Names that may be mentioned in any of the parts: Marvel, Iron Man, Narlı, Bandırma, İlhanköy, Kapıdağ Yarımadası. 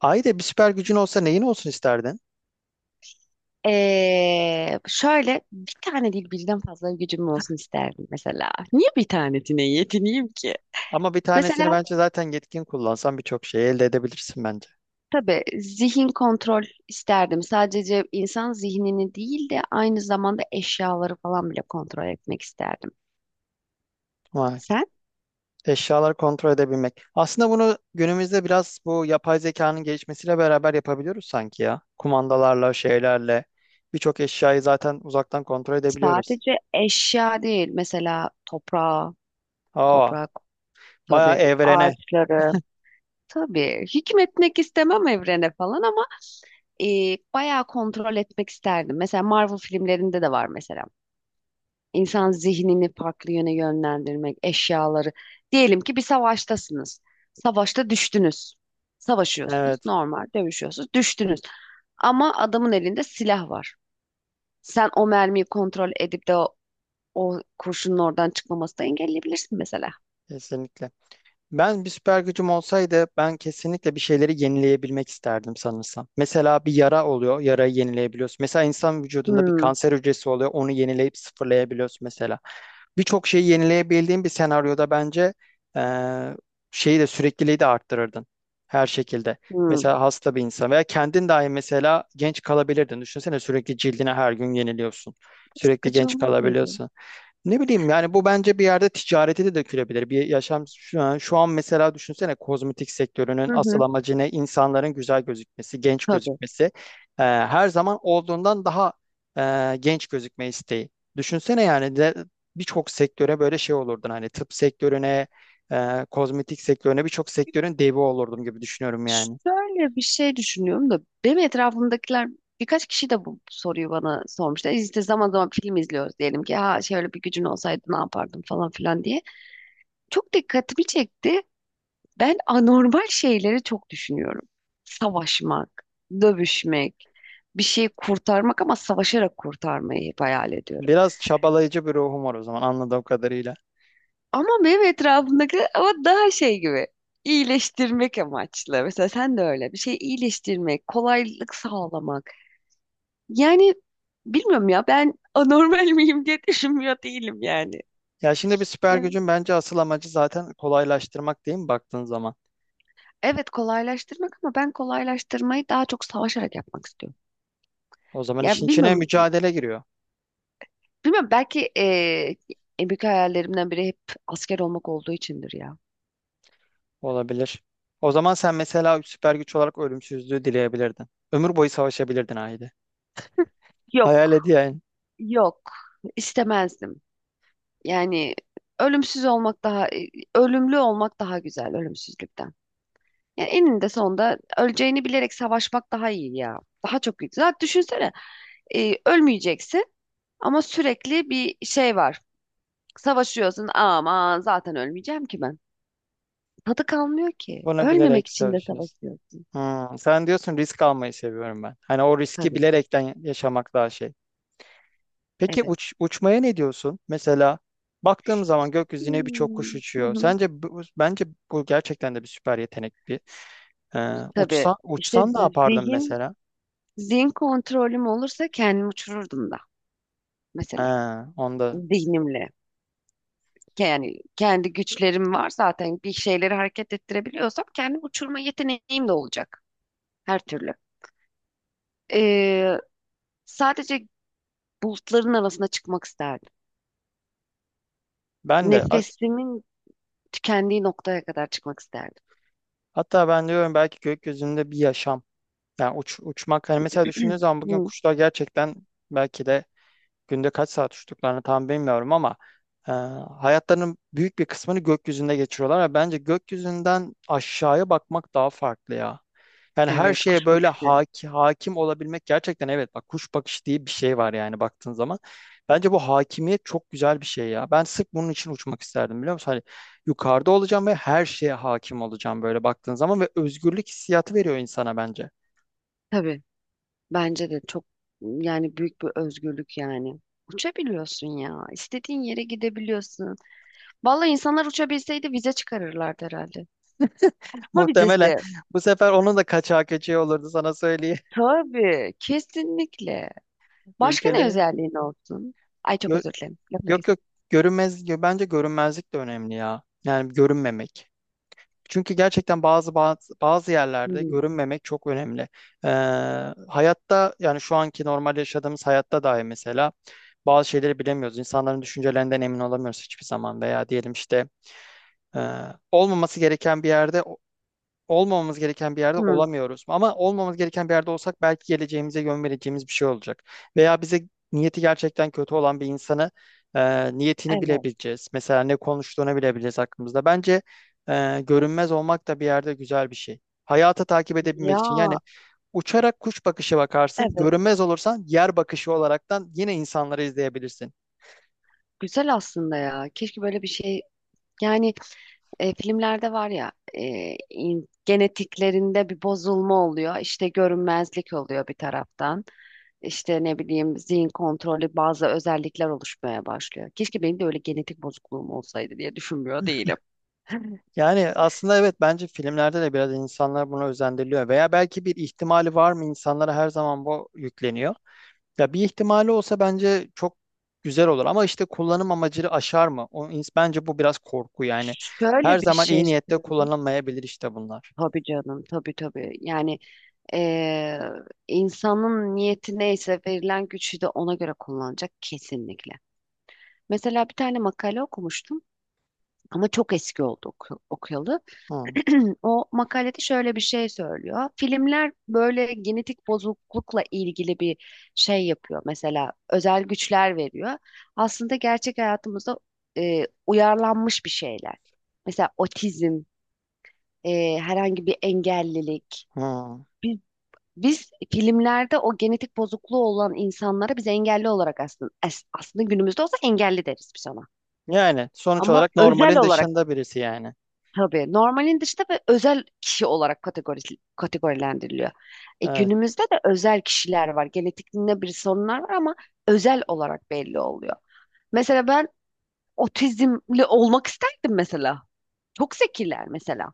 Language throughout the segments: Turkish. Ayda bir süper gücün olsa neyin olsun isterdin? Şöyle bir tane değil birden fazla gücüm olsun isterdim mesela. Niye bir tanesine yetineyim ki? Ama bir Mesela tanesini bence zaten yetkin kullansan birçok şeyi elde edebilirsin bence. tabii zihin kontrol isterdim. Sadece insan zihnini değil de aynı zamanda eşyaları falan bile kontrol etmek isterdim. Vay. Sen Eşyaları kontrol edebilmek. Aslında bunu günümüzde biraz bu yapay zekanın gelişmesiyle beraber yapabiliyoruz sanki ya. Kumandalarla, şeylerle birçok eşyayı zaten uzaktan kontrol edebiliyoruz. sadece eşya değil mesela toprağı, Aa, toprak bayağı tabii evrene. ağaçları. Tabii hükmetmek istemem evrene falan ama bayağı kontrol etmek isterdim. Mesela Marvel filmlerinde de var mesela. İnsan zihnini farklı yöne yönlendirmek, eşyaları. Diyelim ki bir savaştasınız. Savaşta düştünüz. Savaşıyorsunuz, Evet, normal dövüşüyorsunuz, düştünüz. Ama adamın elinde silah var. Sen o mermiyi kontrol edip de o kurşunun oradan çıkmamasını da engelleyebilirsin mesela. kesinlikle. Ben bir süper gücüm olsaydı ben kesinlikle bir şeyleri yenileyebilmek isterdim sanırsam. Mesela bir yara oluyor, yarayı yenileyebiliyorsun. Mesela insan vücudunda bir Hmm, kanser hücresi oluyor, onu yenileyip sıfırlayabiliyorsun mesela. Birçok şeyi yenileyebildiğin bir senaryoda bence eee, şeyi de sürekliliği de arttırırdın her şekilde. hmm. Mesela hasta bir insan veya kendin dahi mesela genç kalabilirdin. Düşünsene sürekli cildini her gün yeniliyorsun. Sürekli Sıkıcı genç olmaz mıydı? kalabiliyorsun. Ne bileyim yani bu bence bir yerde ticarete de dökülebilir. Bir yaşam şu an mesela düşünsene kozmetik sektörünün Hı asıl hı, amacı ne? İnsanların güzel gözükmesi, genç tabii. gözükmesi. Her zaman olduğundan daha genç gözükme isteği. Düşünsene yani de birçok sektöre böyle şey olurdun hani tıp sektörüne, kozmetik sektörüne birçok sektörün devi olurdum gibi düşünüyorum yani. Şöyle bir şey düşünüyorum da benim etrafımdakiler birkaç kişi de bu soruyu bana sormuştu. İşte zaman zaman film izliyoruz diyelim ki ha şöyle bir gücün olsaydı ne yapardın falan filan diye. Çok dikkatimi çekti. Ben anormal şeyleri çok düşünüyorum. Savaşmak, dövüşmek, bir şeyi kurtarmak ama savaşarak kurtarmayı hep hayal ediyorum. Biraz çabalayıcı bir ruhum var o zaman anladığım kadarıyla. Ama benim etrafımdakiler ama daha şey gibi iyileştirmek amaçlı. Mesela sen de öyle bir şey iyileştirmek, kolaylık sağlamak. Yani bilmiyorum ya ben anormal miyim diye düşünmüyor değilim yani. Ya şimdi bir süper Yani gücün bence asıl amacı zaten kolaylaştırmak değil mi baktığın zaman? evet kolaylaştırmak ama ben kolaylaştırmayı daha çok savaşarak yapmak istiyorum. O zaman işin Ya içine bilmiyorum, mücadele giriyor. bilmiyorum belki en büyük hayallerimden biri hep asker olmak olduğu içindir ya. Olabilir. O zaman sen mesela süper güç olarak ölümsüzlüğü dileyebilirdin. Ömür boyu savaşabilirdin haydi. Hayal Yok, et yani. yok, istemezdim. Yani ölümsüz olmak daha, ölümlü olmak daha güzel ölümsüzlükten. Yani eninde sonunda öleceğini bilerek savaşmak daha iyi ya. Daha çok güzel. Zaten düşünsene ölmeyeceksin. Ama sürekli bir şey var. Savaşıyorsun. Aman zaten ölmeyeceğim ki ben. Tadı kalmıyor ki. Bunu Ölmemek bilerek için de savaşıyorsun. savaşıyorsun. Hmm, sen diyorsun risk almayı seviyorum ben. Hani o riski Tabii. bilerekten yaşamak daha şey. Peki Evet. Uçmaya ne diyorsun? Mesela baktığım zaman gökyüzüne birçok kuş Hmm. Hı uçuyor. hı. Sence bence bu gerçekten de bir süper yetenek bir. Tabii. Uçsan İşte uçsan ne yapardın zihin, mesela? zihin kontrolüm olursa kendimi uçururdum da. Mesela Ha, onda. zihnimle. Yani kendi güçlerim var zaten bir şeyleri hareket ettirebiliyorsam kendimi uçurma yeteneğim de olacak. Her türlü. Ee, Sadece bulutların arasına çıkmak isterdim. Ben de Nefesimin tükendiği noktaya kadar çıkmak isterdim. hatta ben diyorum belki gökyüzünde bir yaşam. Yani uçmak hani mesela düşündüğün zaman bugün Hı. kuşlar gerçekten belki de günde kaç saat uçtuklarını tam bilmiyorum ama e, hayatlarının büyük bir kısmını gökyüzünde geçiriyorlar ve bence gökyüzünden aşağıya bakmak daha farklı ya. Yani her Evet, şeye kuş böyle bakışı. Hakim olabilmek gerçekten evet bak kuş bakışı diye bir şey var yani baktığın zaman. Bence bu hakimiyet çok güzel bir şey ya. Ben sırf bunun için uçmak isterdim biliyor musun? Hani yukarıda olacağım ve her şeye hakim olacağım böyle baktığın zaman ve özgürlük hissiyatı veriyor insana bence. Tabii. Bence de çok yani büyük bir özgürlük yani. Uçabiliyorsun ya. İstediğin yere gidebiliyorsun. Vallahi insanlar uçabilseydi vize çıkarırlardı herhalde. Uçma Muhtemelen vizesi. bu sefer onun da kaçağı köçeği olurdu sana söyleyeyim. Tabii. Kesinlikle. Başka ne Ülkelerin özelliğin olsun? Ay çok gö- özür dilerim. Lafı yok, yok, kestim. görünmez, bence görünmezlik de önemli ya. Yani görünmemek. Çünkü gerçekten bazı yerlerde Hı. görünmemek çok önemli. Ee, Hayatta yani şu anki normal yaşadığımız hayatta dahi mesela bazı şeyleri bilemiyoruz. İnsanların düşüncelerinden emin olamıyoruz hiçbir zaman veya diyelim işte e, olmaması gereken bir yerde olmamamız gereken bir yerde Hı. olamıyoruz. Ama olmamamız gereken bir yerde olsak belki geleceğimize yön vereceğimiz bir şey olacak. Veya bize niyeti gerçekten kötü olan bir insanı niyetini Evet. bilebileceğiz. Mesela ne konuştuğunu bilebileceğiz hakkımızda. Bence görünmez olmak da bir yerde güzel bir şey. Hayata takip edebilmek için Ya yani uçarak kuş bakışı bakarsın, evet. görünmez olursan yer bakışı olaraktan yine insanları izleyebilirsin. Güzel aslında ya. Keşke böyle bir şey yani filmlerde var ya genetiklerinde bir bozulma oluyor. İşte görünmezlik oluyor bir taraftan. İşte ne bileyim zihin kontrolü bazı özellikler oluşmaya başlıyor. Keşke benim de öyle genetik bozukluğum olsaydı diye düşünmüyor değilim. Yani aslında evet bence filmlerde de biraz insanlar buna özendiriyor veya belki bir ihtimali var mı insanlara her zaman bu yükleniyor. Ya bir ihtimali olsa bence çok güzel olur ama işte kullanım amacını aşar mı? O, bence bu biraz korku yani. Her Şöyle bir zaman şey iyi niyetle söyleyeyim. kullanılmayabilir işte bunlar. Tabii canım, tabii, tabii. Yani e, insanın niyeti neyse verilen gücü de ona göre kullanacak kesinlikle. Mesela bir tane makale okumuştum ama çok eski oldu okuyalı. Hı, O makalede şöyle bir şey söylüyor. Filmler böyle genetik bozuklukla ilgili bir şey yapıyor. Mesela özel güçler veriyor. Aslında gerçek hayatımızda uyarlanmış bir şeyler. Mesela otizm, herhangi bir engellilik. hı. Biz, biz filmlerde o genetik bozukluğu olan insanlara biz engelli olarak aslında aslında günümüzde olsa engelli deriz biz ona. Yani sonuç Ama olarak özel normalin olarak dışında birisi yani. tabii normalin dışında ve özel kişi olarak kategorilendiriliyor. E, Evet. günümüzde de özel kişiler var. Genetik ne birisi onlar var ama özel olarak belli oluyor. Mesela ben otizmli olmak isterdim mesela. Çok zekiler mesela.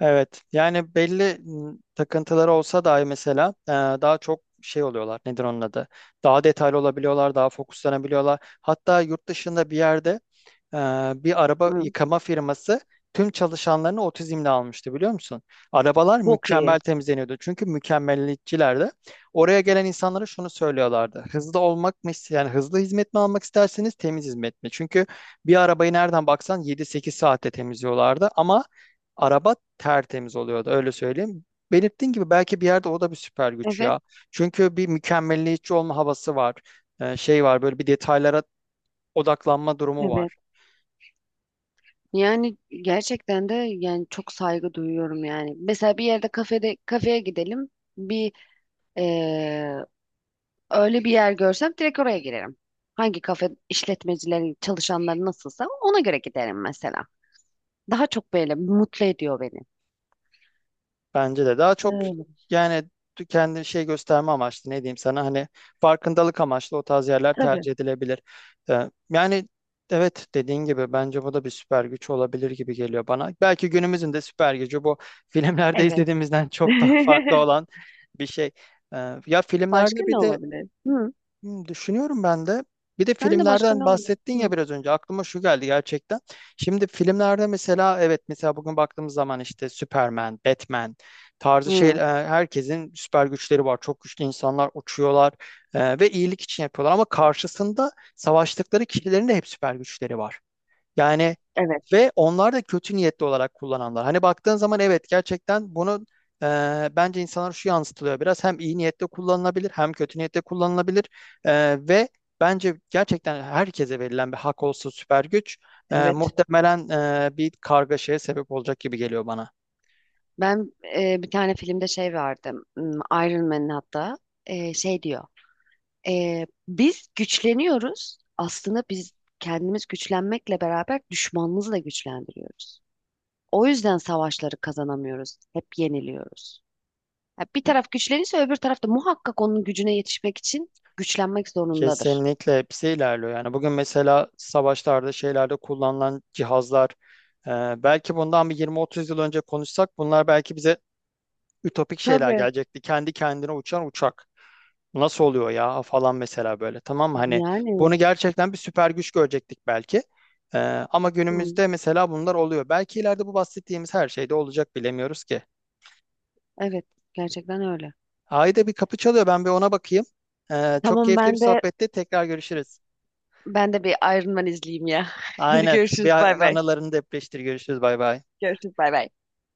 Evet yani belli takıntıları olsa dahi mesela daha çok şey oluyorlar nedir onun adı, daha detaylı olabiliyorlar, daha fokuslanabiliyorlar, hatta yurt dışında bir yerde e, bir araba Hı, yıkama firması tüm çalışanlarını otizmle almıştı biliyor musun? Arabalar çok iyi. mükemmel temizleniyordu çünkü mükemmeliyetçilerdi. Oraya gelen insanlara şunu söylüyorlardı: hızlı olmak mı yani hızlı hizmet mi almak isterseniz temiz hizmet mi? Çünkü bir arabayı nereden baksan 7-8 saatte temizliyorlardı ama araba tertemiz oluyordu öyle söyleyeyim. Belirttiğin gibi belki bir yerde o da bir süper güç Evet, ya. Çünkü bir mükemmelliyetçi olma havası var. Şey var böyle bir detaylara odaklanma durumu evet. var. Yani gerçekten de yani çok saygı duyuyorum yani. Mesela bir yerde kafeye gidelim. Bir öyle bir yer görsem direkt oraya girerim. Hangi kafe işletmecilerin çalışanları nasılsa ona göre giderim mesela. Daha çok böyle mutlu ediyor beni. Bence de daha çok Öyle. yani kendi şey gösterme amaçlı ne diyeyim sana hani farkındalık amaçlı o tarz yerler Tabii. tercih edilebilir. Yani evet dediğin gibi bence bu da bir süper güç olabilir gibi geliyor bana. Belki günümüzün de süper gücü bu, filmlerde Evet. izlediğimizden çok daha farklı olan bir şey. Ee, Ya Başka filmlerde ne bir de olabilir? Hı. hmm, düşünüyorum ben de. Bir de Ben de başka filmlerden ne oldu? bahsettin ya Hı. biraz önce aklıma şu geldi gerçekten. Şimdi filmlerde mesela evet mesela bugün baktığımız zaman işte Superman, Batman tarzı şey, Hı. herkesin süper güçleri var. Çok güçlü insanlar uçuyorlar ve iyilik için yapıyorlar ama karşısında savaştıkları kişilerin de hep süper güçleri var. Yani Evet. ve onlar da kötü niyetli olarak kullananlar. Hani baktığın zaman evet gerçekten bunu e, bence insanlar şu yansıtılıyor biraz. Hem iyi niyetle kullanılabilir hem kötü niyetle kullanılabilir. E, Ve bence gerçekten herkese verilen bir hak olsa süper güç Evet. muhtemelen bir kargaşaya sebep olacak gibi geliyor bana. Ben bir tane filmde şey vardı. Iron Man'in hatta şey diyor. Biz güçleniyoruz. Aslında biz kendimiz güçlenmekle beraber düşmanımızı da güçlendiriyoruz. O yüzden savaşları kazanamıyoruz. Hep yeniliyoruz. Ya bir taraf güçlenirse öbür taraf da muhakkak onun gücüne yetişmek için güçlenmek zorundadır. Kesinlikle hepsi ilerliyor. Yani bugün mesela savaşlarda şeylerde kullanılan cihazlar, e, belki bundan bir 20-30 yıl önce konuşsak bunlar belki bize ütopik şeyler Tabii. gelecekti. Kendi kendine uçan uçak. Nasıl oluyor ya falan mesela böyle, tamam mı? Hani Yani bunu gerçekten bir süper güç görecektik belki. Ee, Ama hı, günümüzde mesela bunlar oluyor. Belki ileride bu bahsettiğimiz her şeyde olacak, bilemiyoruz ki. evet, gerçekten öyle. Ayda bir kapı çalıyor, ben bir ona bakayım. Çok Tamam, keyifli bir ben de sohbetti, tekrar görüşürüz. ben de bir Iron Man izleyeyim ya. Hadi Aynen, bir görüşürüz, bay bay. anılarını depreştir, görüşürüz, bay bay. Görüşürüz, bay bay.